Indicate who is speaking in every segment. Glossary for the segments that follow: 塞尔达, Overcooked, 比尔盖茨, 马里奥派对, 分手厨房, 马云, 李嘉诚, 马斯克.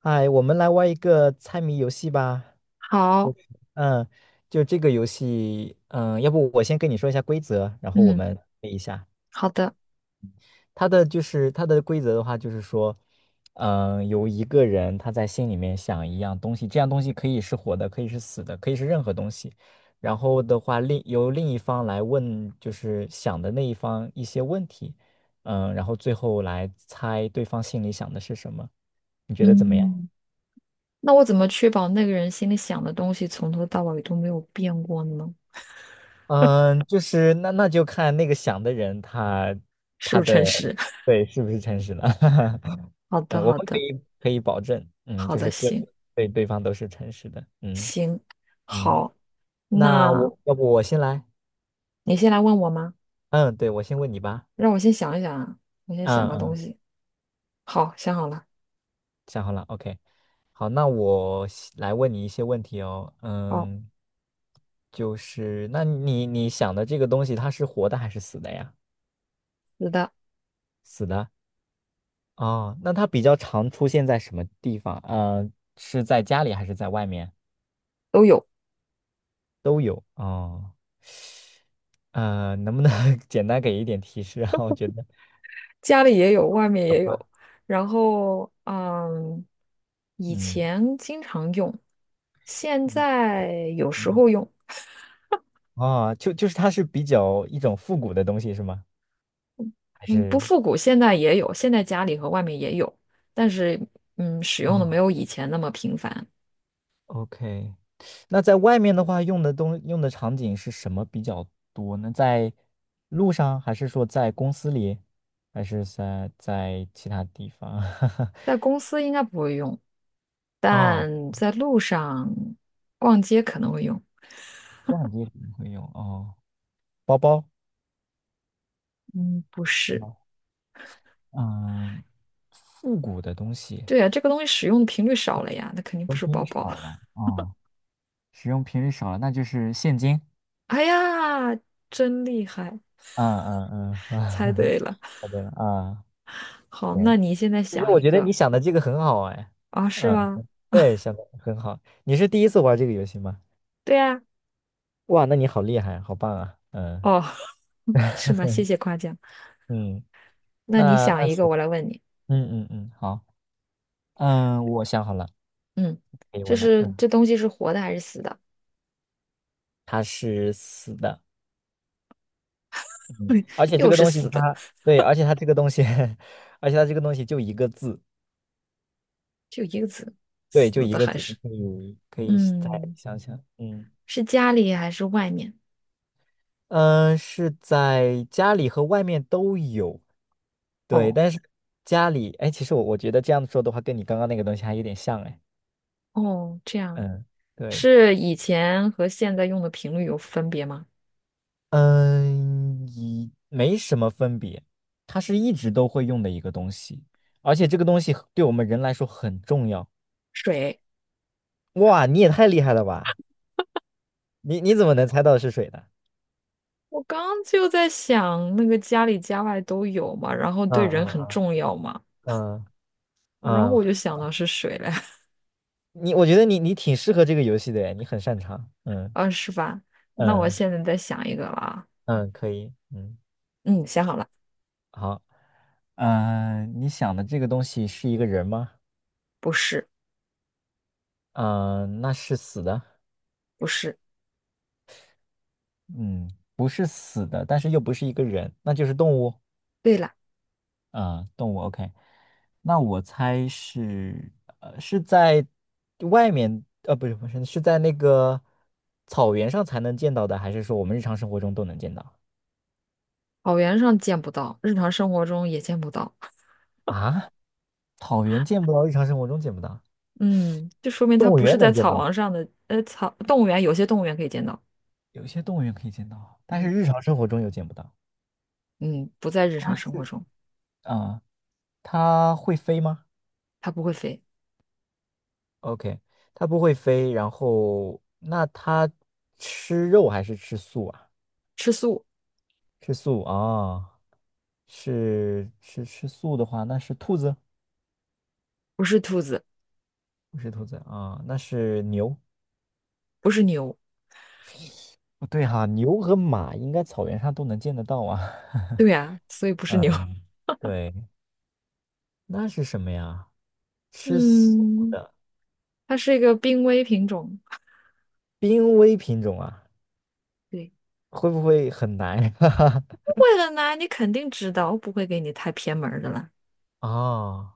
Speaker 1: 哎，我们来玩一个猜谜游戏吧。
Speaker 2: 好，
Speaker 1: 就，嗯，就这个游戏，要不我先跟你说一下规则，然后我
Speaker 2: 嗯，
Speaker 1: 们背一下。
Speaker 2: 好的。
Speaker 1: 它的规则的话，就是说，有一个人他在心里面想一样东西，这样东西可以是活的，可以是死的，可以是任何东西。然后的话，由另一方来问，就是想的那一方一些问题，然后最后来猜对方心里想的是什么。你觉得怎么样？
Speaker 2: 嗯，那我怎么确保那个人心里想的东西从头到尾都没有变过呢？
Speaker 1: 嗯，就是那就看那个想的人他
Speaker 2: 是
Speaker 1: 他
Speaker 2: 不是
Speaker 1: 的
Speaker 2: 诚实？
Speaker 1: 对是不是诚实了。
Speaker 2: 好的，
Speaker 1: 嗯，我们
Speaker 2: 好
Speaker 1: 可
Speaker 2: 的，
Speaker 1: 以可以保证，嗯，
Speaker 2: 好
Speaker 1: 就
Speaker 2: 的，
Speaker 1: 是
Speaker 2: 行
Speaker 1: 对对方都是诚实的，嗯
Speaker 2: 行。
Speaker 1: 嗯，
Speaker 2: 好，
Speaker 1: 那
Speaker 2: 那
Speaker 1: 我要不我先来。
Speaker 2: 你先来问我吗？
Speaker 1: 嗯，对，我先问你吧。
Speaker 2: 让我先想一想啊，我先想
Speaker 1: 嗯
Speaker 2: 个东
Speaker 1: 嗯，
Speaker 2: 西。好，想好了。
Speaker 1: 想好了，OK。好，那我先来问你一些问题哦。
Speaker 2: 好。
Speaker 1: 嗯，就是那你想的这个东西它是活的还是死的呀？
Speaker 2: 是的。
Speaker 1: 死的。哦，那它比较常出现在什么地方？是在家里还是在外面？
Speaker 2: 都有，
Speaker 1: 都有。哦，能不能 简单给一点提示啊？我觉得，
Speaker 2: 家里也有，外面也有。然后，以
Speaker 1: 嗯，
Speaker 2: 前经常用，现
Speaker 1: 嗯
Speaker 2: 在有时
Speaker 1: 有。
Speaker 2: 候用。
Speaker 1: 哦，就是它是比较一种复古的东西是吗？还
Speaker 2: 嗯，不
Speaker 1: 是？
Speaker 2: 复古，现在也有，现在家里和外面也有，但是使用的没
Speaker 1: 啊，
Speaker 2: 有以前那么频繁。
Speaker 1: OK， 那在外面的话，用的场景是什么比较多呢？在路上，还是说在公司里，还是在其他地方？
Speaker 2: 在公司应该不会用，
Speaker 1: 哦，
Speaker 2: 但在路上逛街可能会用。
Speaker 1: 挂机可能会用哦，包包
Speaker 2: 嗯，不
Speaker 1: 是
Speaker 2: 是。
Speaker 1: 吗？嗯，复古的东西，使
Speaker 2: 对呀，这个东西使用的频率少了呀，那肯定不
Speaker 1: 用
Speaker 2: 是
Speaker 1: 频
Speaker 2: 包
Speaker 1: 率
Speaker 2: 包。
Speaker 1: 少 了啊，使用频率少了，那就是现金。
Speaker 2: 哎呀，真厉害，
Speaker 1: 嗯嗯嗯，啊，
Speaker 2: 猜 对了。
Speaker 1: 答对了啊，
Speaker 2: 好，
Speaker 1: 行。
Speaker 2: 那你现在
Speaker 1: 其实
Speaker 2: 想
Speaker 1: 我
Speaker 2: 一
Speaker 1: 觉得你
Speaker 2: 个。
Speaker 1: 想的这个很好哎。
Speaker 2: 啊，是
Speaker 1: 嗯，
Speaker 2: 吗？
Speaker 1: 对，想的很好。你是第一次玩这个游戏吗？
Speaker 2: 对呀。
Speaker 1: 哇，那你好厉害，好棒啊。嗯
Speaker 2: 哦，是吗？谢谢夸奖。
Speaker 1: 嗯，
Speaker 2: 那你
Speaker 1: 那
Speaker 2: 想
Speaker 1: 那
Speaker 2: 一个，
Speaker 1: 行，
Speaker 2: 我来问你。
Speaker 1: 嗯嗯嗯，好，我想好了，
Speaker 2: 嗯，
Speaker 1: 可以问了。嗯，
Speaker 2: 这东西是活的还是死的？
Speaker 1: 他是死的。嗯，而且这
Speaker 2: 又
Speaker 1: 个
Speaker 2: 是
Speaker 1: 东西
Speaker 2: 死的，
Speaker 1: 它，对，而且它这个东西，而且它这个东西就一个字。
Speaker 2: 就一个字，
Speaker 1: 对，就
Speaker 2: 死
Speaker 1: 一
Speaker 2: 的
Speaker 1: 个
Speaker 2: 还
Speaker 1: 字，你
Speaker 2: 是
Speaker 1: 可以再
Speaker 2: 嗯，
Speaker 1: 想想。嗯
Speaker 2: 是家里还是外面？
Speaker 1: 嗯，是在家里和外面都有，对，
Speaker 2: 哦
Speaker 1: 但是家里，哎，其实我觉得这样说的话，跟你刚刚那个东西还有点像。哎，
Speaker 2: 哦，这样
Speaker 1: 嗯，对，
Speaker 2: 是以前和现在用的频率有分别吗？
Speaker 1: 嗯，没什么分别，它是一直都会用的一个东西，而且这个东西对我们人来说很重要。
Speaker 2: 水。
Speaker 1: 哇，你也太厉害了吧！你怎么能猜到是水的？
Speaker 2: 我刚就在想那个家里家外都有嘛，然后
Speaker 1: 啊
Speaker 2: 对人很
Speaker 1: 啊
Speaker 2: 重要嘛，
Speaker 1: 啊啊
Speaker 2: 然后
Speaker 1: 啊！
Speaker 2: 我就想到是水了。
Speaker 1: 我觉得你挺适合这个游戏的诶，你很擅长。嗯
Speaker 2: 啊，是吧？那我
Speaker 1: 嗯，是，
Speaker 2: 现在再想一个啦。
Speaker 1: 嗯，可以。嗯，
Speaker 2: 嗯，想好了。
Speaker 1: 好。你想的这个东西是一个人吗？
Speaker 2: 不是。
Speaker 1: 嗯、那是死的？
Speaker 2: 不是。
Speaker 1: 嗯，不是死的，但是又不是一个人，那就是动物。
Speaker 2: 对了。
Speaker 1: 啊，动物。OK，那我猜是在外面，不是，是在那个草原上才能见到的，还是说我们日常生活中都能见到？
Speaker 2: 草原上见不到，日常生活中也见不到。
Speaker 1: 啊，草原见不到，日常生活中见不到，
Speaker 2: 嗯，就说明它
Speaker 1: 动物
Speaker 2: 不是
Speaker 1: 园
Speaker 2: 在
Speaker 1: 能见
Speaker 2: 草
Speaker 1: 到，
Speaker 2: 王上的，动物园有些动物园可以见到。
Speaker 1: 有些动物园可以见到，但是
Speaker 2: 嗯
Speaker 1: 日常生活中又见不到。
Speaker 2: 嗯，不在日
Speaker 1: 它
Speaker 2: 常生活
Speaker 1: 是
Speaker 2: 中。
Speaker 1: 啊，它会飞吗
Speaker 2: 它不会飞。
Speaker 1: ？OK，它不会飞，然后那它吃肉还是吃素啊？
Speaker 2: 吃素。
Speaker 1: 吃素啊，是吃素的话，那是兔子。
Speaker 2: 不是兔子。
Speaker 1: 不是兔子啊，那是牛。
Speaker 2: 不是牛。
Speaker 1: 不对哈，牛和马应该草原上都能见得到啊。
Speaker 2: 对呀，所以不 是牛。
Speaker 1: 嗯，对。那是什么呀？吃素
Speaker 2: 嗯，
Speaker 1: 的
Speaker 2: 它是一个濒危品种。
Speaker 1: 濒危品种啊，
Speaker 2: 对。
Speaker 1: 会不会很难呀？
Speaker 2: 不 会很呢你肯定知道，我不会给你太偏门儿的啦。
Speaker 1: 啊，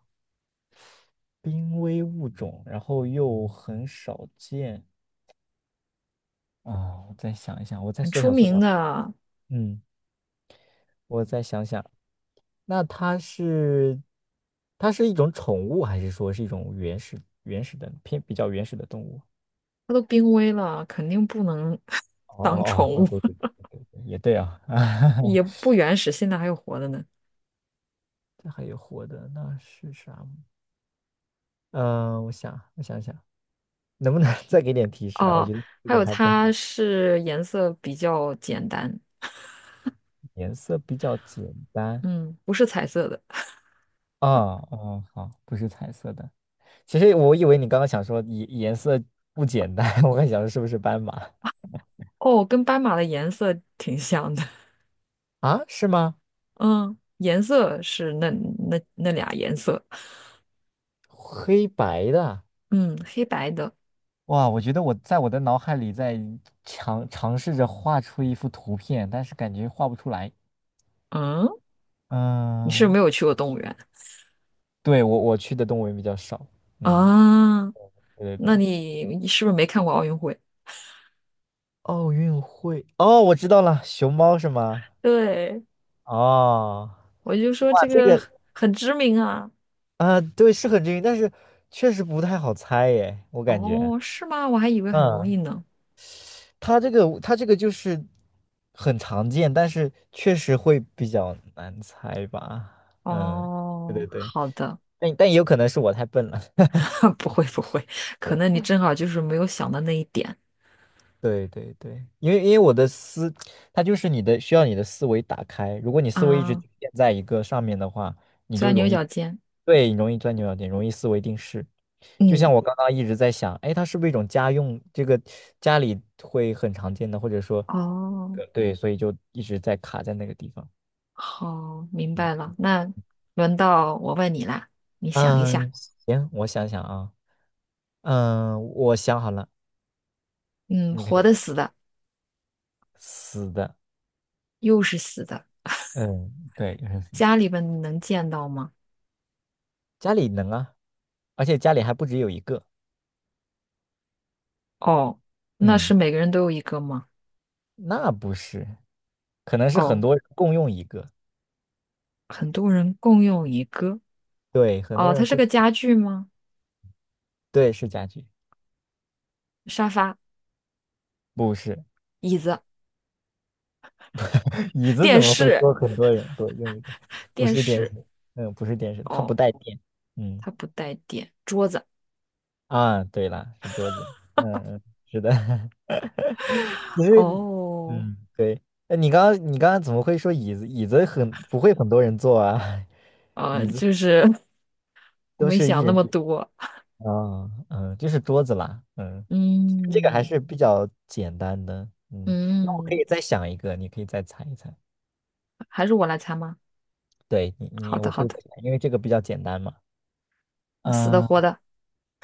Speaker 1: 濒危物种，然后又很少见啊。我再想一想，我再
Speaker 2: 很
Speaker 1: 缩
Speaker 2: 出
Speaker 1: 小缩小。
Speaker 2: 名的。
Speaker 1: 嗯，我再想想，那它是一种宠物，还是说是一种原始原始的偏比较原始的动物？
Speaker 2: 它都濒危了，肯定不能
Speaker 1: 哦
Speaker 2: 当
Speaker 1: 哦哦，
Speaker 2: 宠
Speaker 1: 哦，
Speaker 2: 物。
Speaker 1: 对对对对对，也对啊。
Speaker 2: 也不原始，现在还有活的呢。
Speaker 1: 这还有活的，那是啥？我想想。能不能 再给点提示啊？我
Speaker 2: 哦。
Speaker 1: 觉得这
Speaker 2: 还
Speaker 1: 个
Speaker 2: 有
Speaker 1: 还不太
Speaker 2: 它
Speaker 1: 好，
Speaker 2: 是颜色比较简单。
Speaker 1: 颜色比较简单。
Speaker 2: 嗯，不是彩色的。
Speaker 1: 哦哦，好，不是彩色的。其实我以为你刚刚想说颜色不简单，我还想说是不是斑马。
Speaker 2: 哦，跟斑马的颜色挺像的。
Speaker 1: 啊？是吗？
Speaker 2: 嗯，颜色是那那俩颜色。
Speaker 1: 黑白的。
Speaker 2: 嗯，黑白的。
Speaker 1: 哇，我觉得我在我的脑海里在尝试着画出一幅图片，但是感觉画不出来。
Speaker 2: 嗯，你是不是没
Speaker 1: 嗯，
Speaker 2: 有去过动物园
Speaker 1: 对，我去的动物园比较少。嗯，
Speaker 2: 啊？
Speaker 1: 对对
Speaker 2: 那
Speaker 1: 对。
Speaker 2: 你你是不是没看过奥运会？
Speaker 1: 奥运会，哦，我知道了，熊猫是吗？
Speaker 2: 对。
Speaker 1: 哦。
Speaker 2: 我就说
Speaker 1: 哇，
Speaker 2: 这
Speaker 1: 这
Speaker 2: 个
Speaker 1: 个，
Speaker 2: 很知名啊。
Speaker 1: 啊，对，是很均匀，但是确实不太好猜耶，我感觉，
Speaker 2: 哦，是吗？我还以为很容
Speaker 1: 嗯，
Speaker 2: 易呢。
Speaker 1: 它这个就是很常见，但是确实会比较难猜吧。嗯，对
Speaker 2: 哦，
Speaker 1: 对对，
Speaker 2: 好的。
Speaker 1: 但也有可能是我太笨了。
Speaker 2: 不会不会，可 能你正好就是没有想到那一点
Speaker 1: 对对对，因为我的思，它就是需要你的思维打开。如果你思维一直
Speaker 2: 啊。
Speaker 1: 局限在一个上面的话，你就
Speaker 2: 钻牛
Speaker 1: 容易，
Speaker 2: 角尖。
Speaker 1: 对，你容易钻牛角尖，容易思维定式。就
Speaker 2: 嗯。
Speaker 1: 像我刚刚一直在想，哎，它是不是一种家用？这个家里会很常见的，或者说，
Speaker 2: 哦。
Speaker 1: 对，所以就一直在卡在那个地方。
Speaker 2: 好，明白
Speaker 1: 嗯
Speaker 2: 了。那轮到我问你啦，你想一下。
Speaker 1: 嗯，行，我想想啊。嗯，我想好了，
Speaker 2: 嗯，
Speaker 1: 你可
Speaker 2: 活
Speaker 1: 以
Speaker 2: 的、死
Speaker 1: 问。
Speaker 2: 的。
Speaker 1: 死的，
Speaker 2: 又是死的。
Speaker 1: 嗯，对。
Speaker 2: 家里边能见到吗？
Speaker 1: 家里能啊，而且家里还不只有一个。
Speaker 2: 哦，那是
Speaker 1: 嗯，
Speaker 2: 每个人都有一个吗？
Speaker 1: 那不是，可能是很
Speaker 2: 哦，
Speaker 1: 多人共用一个。
Speaker 2: 很多人共用一个。
Speaker 1: 对，很多
Speaker 2: 哦，它
Speaker 1: 人
Speaker 2: 是
Speaker 1: 共，
Speaker 2: 个家具吗？
Speaker 1: 对，是家具。
Speaker 2: 沙发、
Speaker 1: 不是
Speaker 2: 椅子、
Speaker 1: 椅子，
Speaker 2: 电
Speaker 1: 怎么会
Speaker 2: 视、
Speaker 1: 说很多人共用一个？不
Speaker 2: 电
Speaker 1: 是电
Speaker 2: 视。
Speaker 1: 视，嗯，不是电视，它不
Speaker 2: 哦，
Speaker 1: 带电。嗯，
Speaker 2: 它不带电，桌子。
Speaker 1: 啊，对了，是桌子。嗯嗯，是的。其实，
Speaker 2: 哦，
Speaker 1: 嗯，对。那你刚刚你刚刚怎么会说椅子？椅子很不会很多人坐啊。椅子
Speaker 2: 就是 我
Speaker 1: 都
Speaker 2: 没
Speaker 1: 是一
Speaker 2: 想那么
Speaker 1: 人。
Speaker 2: 多。
Speaker 1: 啊，嗯，就是桌子啦。嗯，这个还
Speaker 2: 嗯
Speaker 1: 是比较简单的。嗯，那我可
Speaker 2: 嗯。
Speaker 1: 以再想一个，你可以再猜一猜。
Speaker 2: 还是我来猜吗？
Speaker 1: 对，
Speaker 2: 好的，
Speaker 1: 我
Speaker 2: 好
Speaker 1: 可以
Speaker 2: 的。
Speaker 1: 再想，因为这个比较简单嘛。
Speaker 2: 死的活
Speaker 1: 嗯，
Speaker 2: 的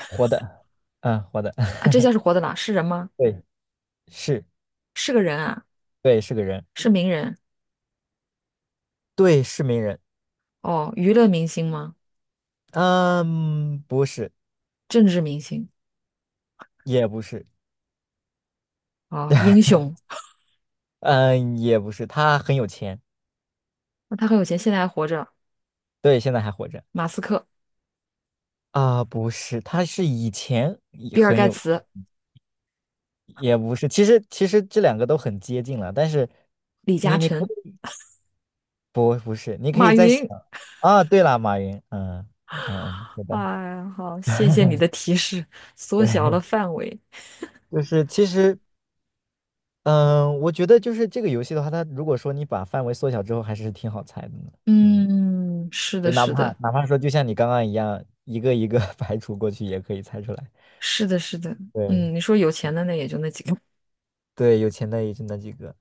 Speaker 1: 活的，嗯，活的。
Speaker 2: 啊？这下是 活的啦？是人吗？
Speaker 1: 对，是，
Speaker 2: 是个人啊？
Speaker 1: 对，是个人，
Speaker 2: 是名人。
Speaker 1: 对，是名人，
Speaker 2: 哦？娱乐明星吗？
Speaker 1: 嗯，不是，
Speaker 2: 政治明星。
Speaker 1: 也不是。
Speaker 2: 哦？英 雄？
Speaker 1: 嗯，也不是，他很有钱。
Speaker 2: 那他很有钱，现在还活着。
Speaker 1: 对，现在还活着。
Speaker 2: 马斯克、
Speaker 1: 啊，不是，他是以前也
Speaker 2: 比尔
Speaker 1: 很
Speaker 2: 盖
Speaker 1: 有。
Speaker 2: 茨、
Speaker 1: 也不是，其实这两个都很接近了，但是
Speaker 2: 李嘉
Speaker 1: 你你可
Speaker 2: 诚、
Speaker 1: 以不是，你可以
Speaker 2: 马
Speaker 1: 再想
Speaker 2: 云。
Speaker 1: 啊。对了，马云，嗯嗯嗯，是
Speaker 2: 哎
Speaker 1: 的。
Speaker 2: 呀，好，谢谢你的提示，缩小了
Speaker 1: 对，
Speaker 2: 范围。
Speaker 1: 就是其实，嗯，我觉得就是这个游戏的话，它如果说你把范围缩小之后，还是挺好猜的呢。嗯，
Speaker 2: 嗯，是
Speaker 1: 就
Speaker 2: 的，
Speaker 1: 哪
Speaker 2: 是
Speaker 1: 怕
Speaker 2: 的，
Speaker 1: 哪怕说就像你刚刚一样，一个一个 排除过去也可以猜出来。
Speaker 2: 是的，是的。
Speaker 1: 对，
Speaker 2: 嗯，你说有钱的那也就那几个。
Speaker 1: 对，有钱的也就那几个，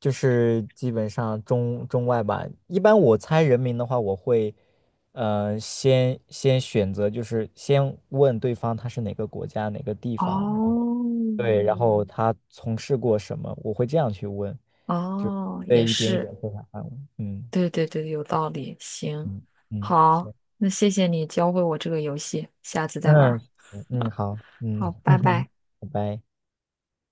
Speaker 1: 就是基本上中外吧。一般我猜人名的话，我会，呃，先选择，就是先问对方他是哪个国家、哪个地方，然后对，
Speaker 2: 哦。
Speaker 1: 然后他从事过什么，我会这样去问，就
Speaker 2: 哦，也
Speaker 1: 对，一点一
Speaker 2: 是。
Speaker 1: 点缩小范围。嗯
Speaker 2: 对对对，有道理。行。
Speaker 1: 嗯嗯，
Speaker 2: 好，
Speaker 1: 行。
Speaker 2: 那谢谢你教会我这个游戏，下次 再玩
Speaker 1: 嗯
Speaker 2: 儿。
Speaker 1: 行嗯，好，嗯，
Speaker 2: 好，拜拜。
Speaker 1: 拜拜。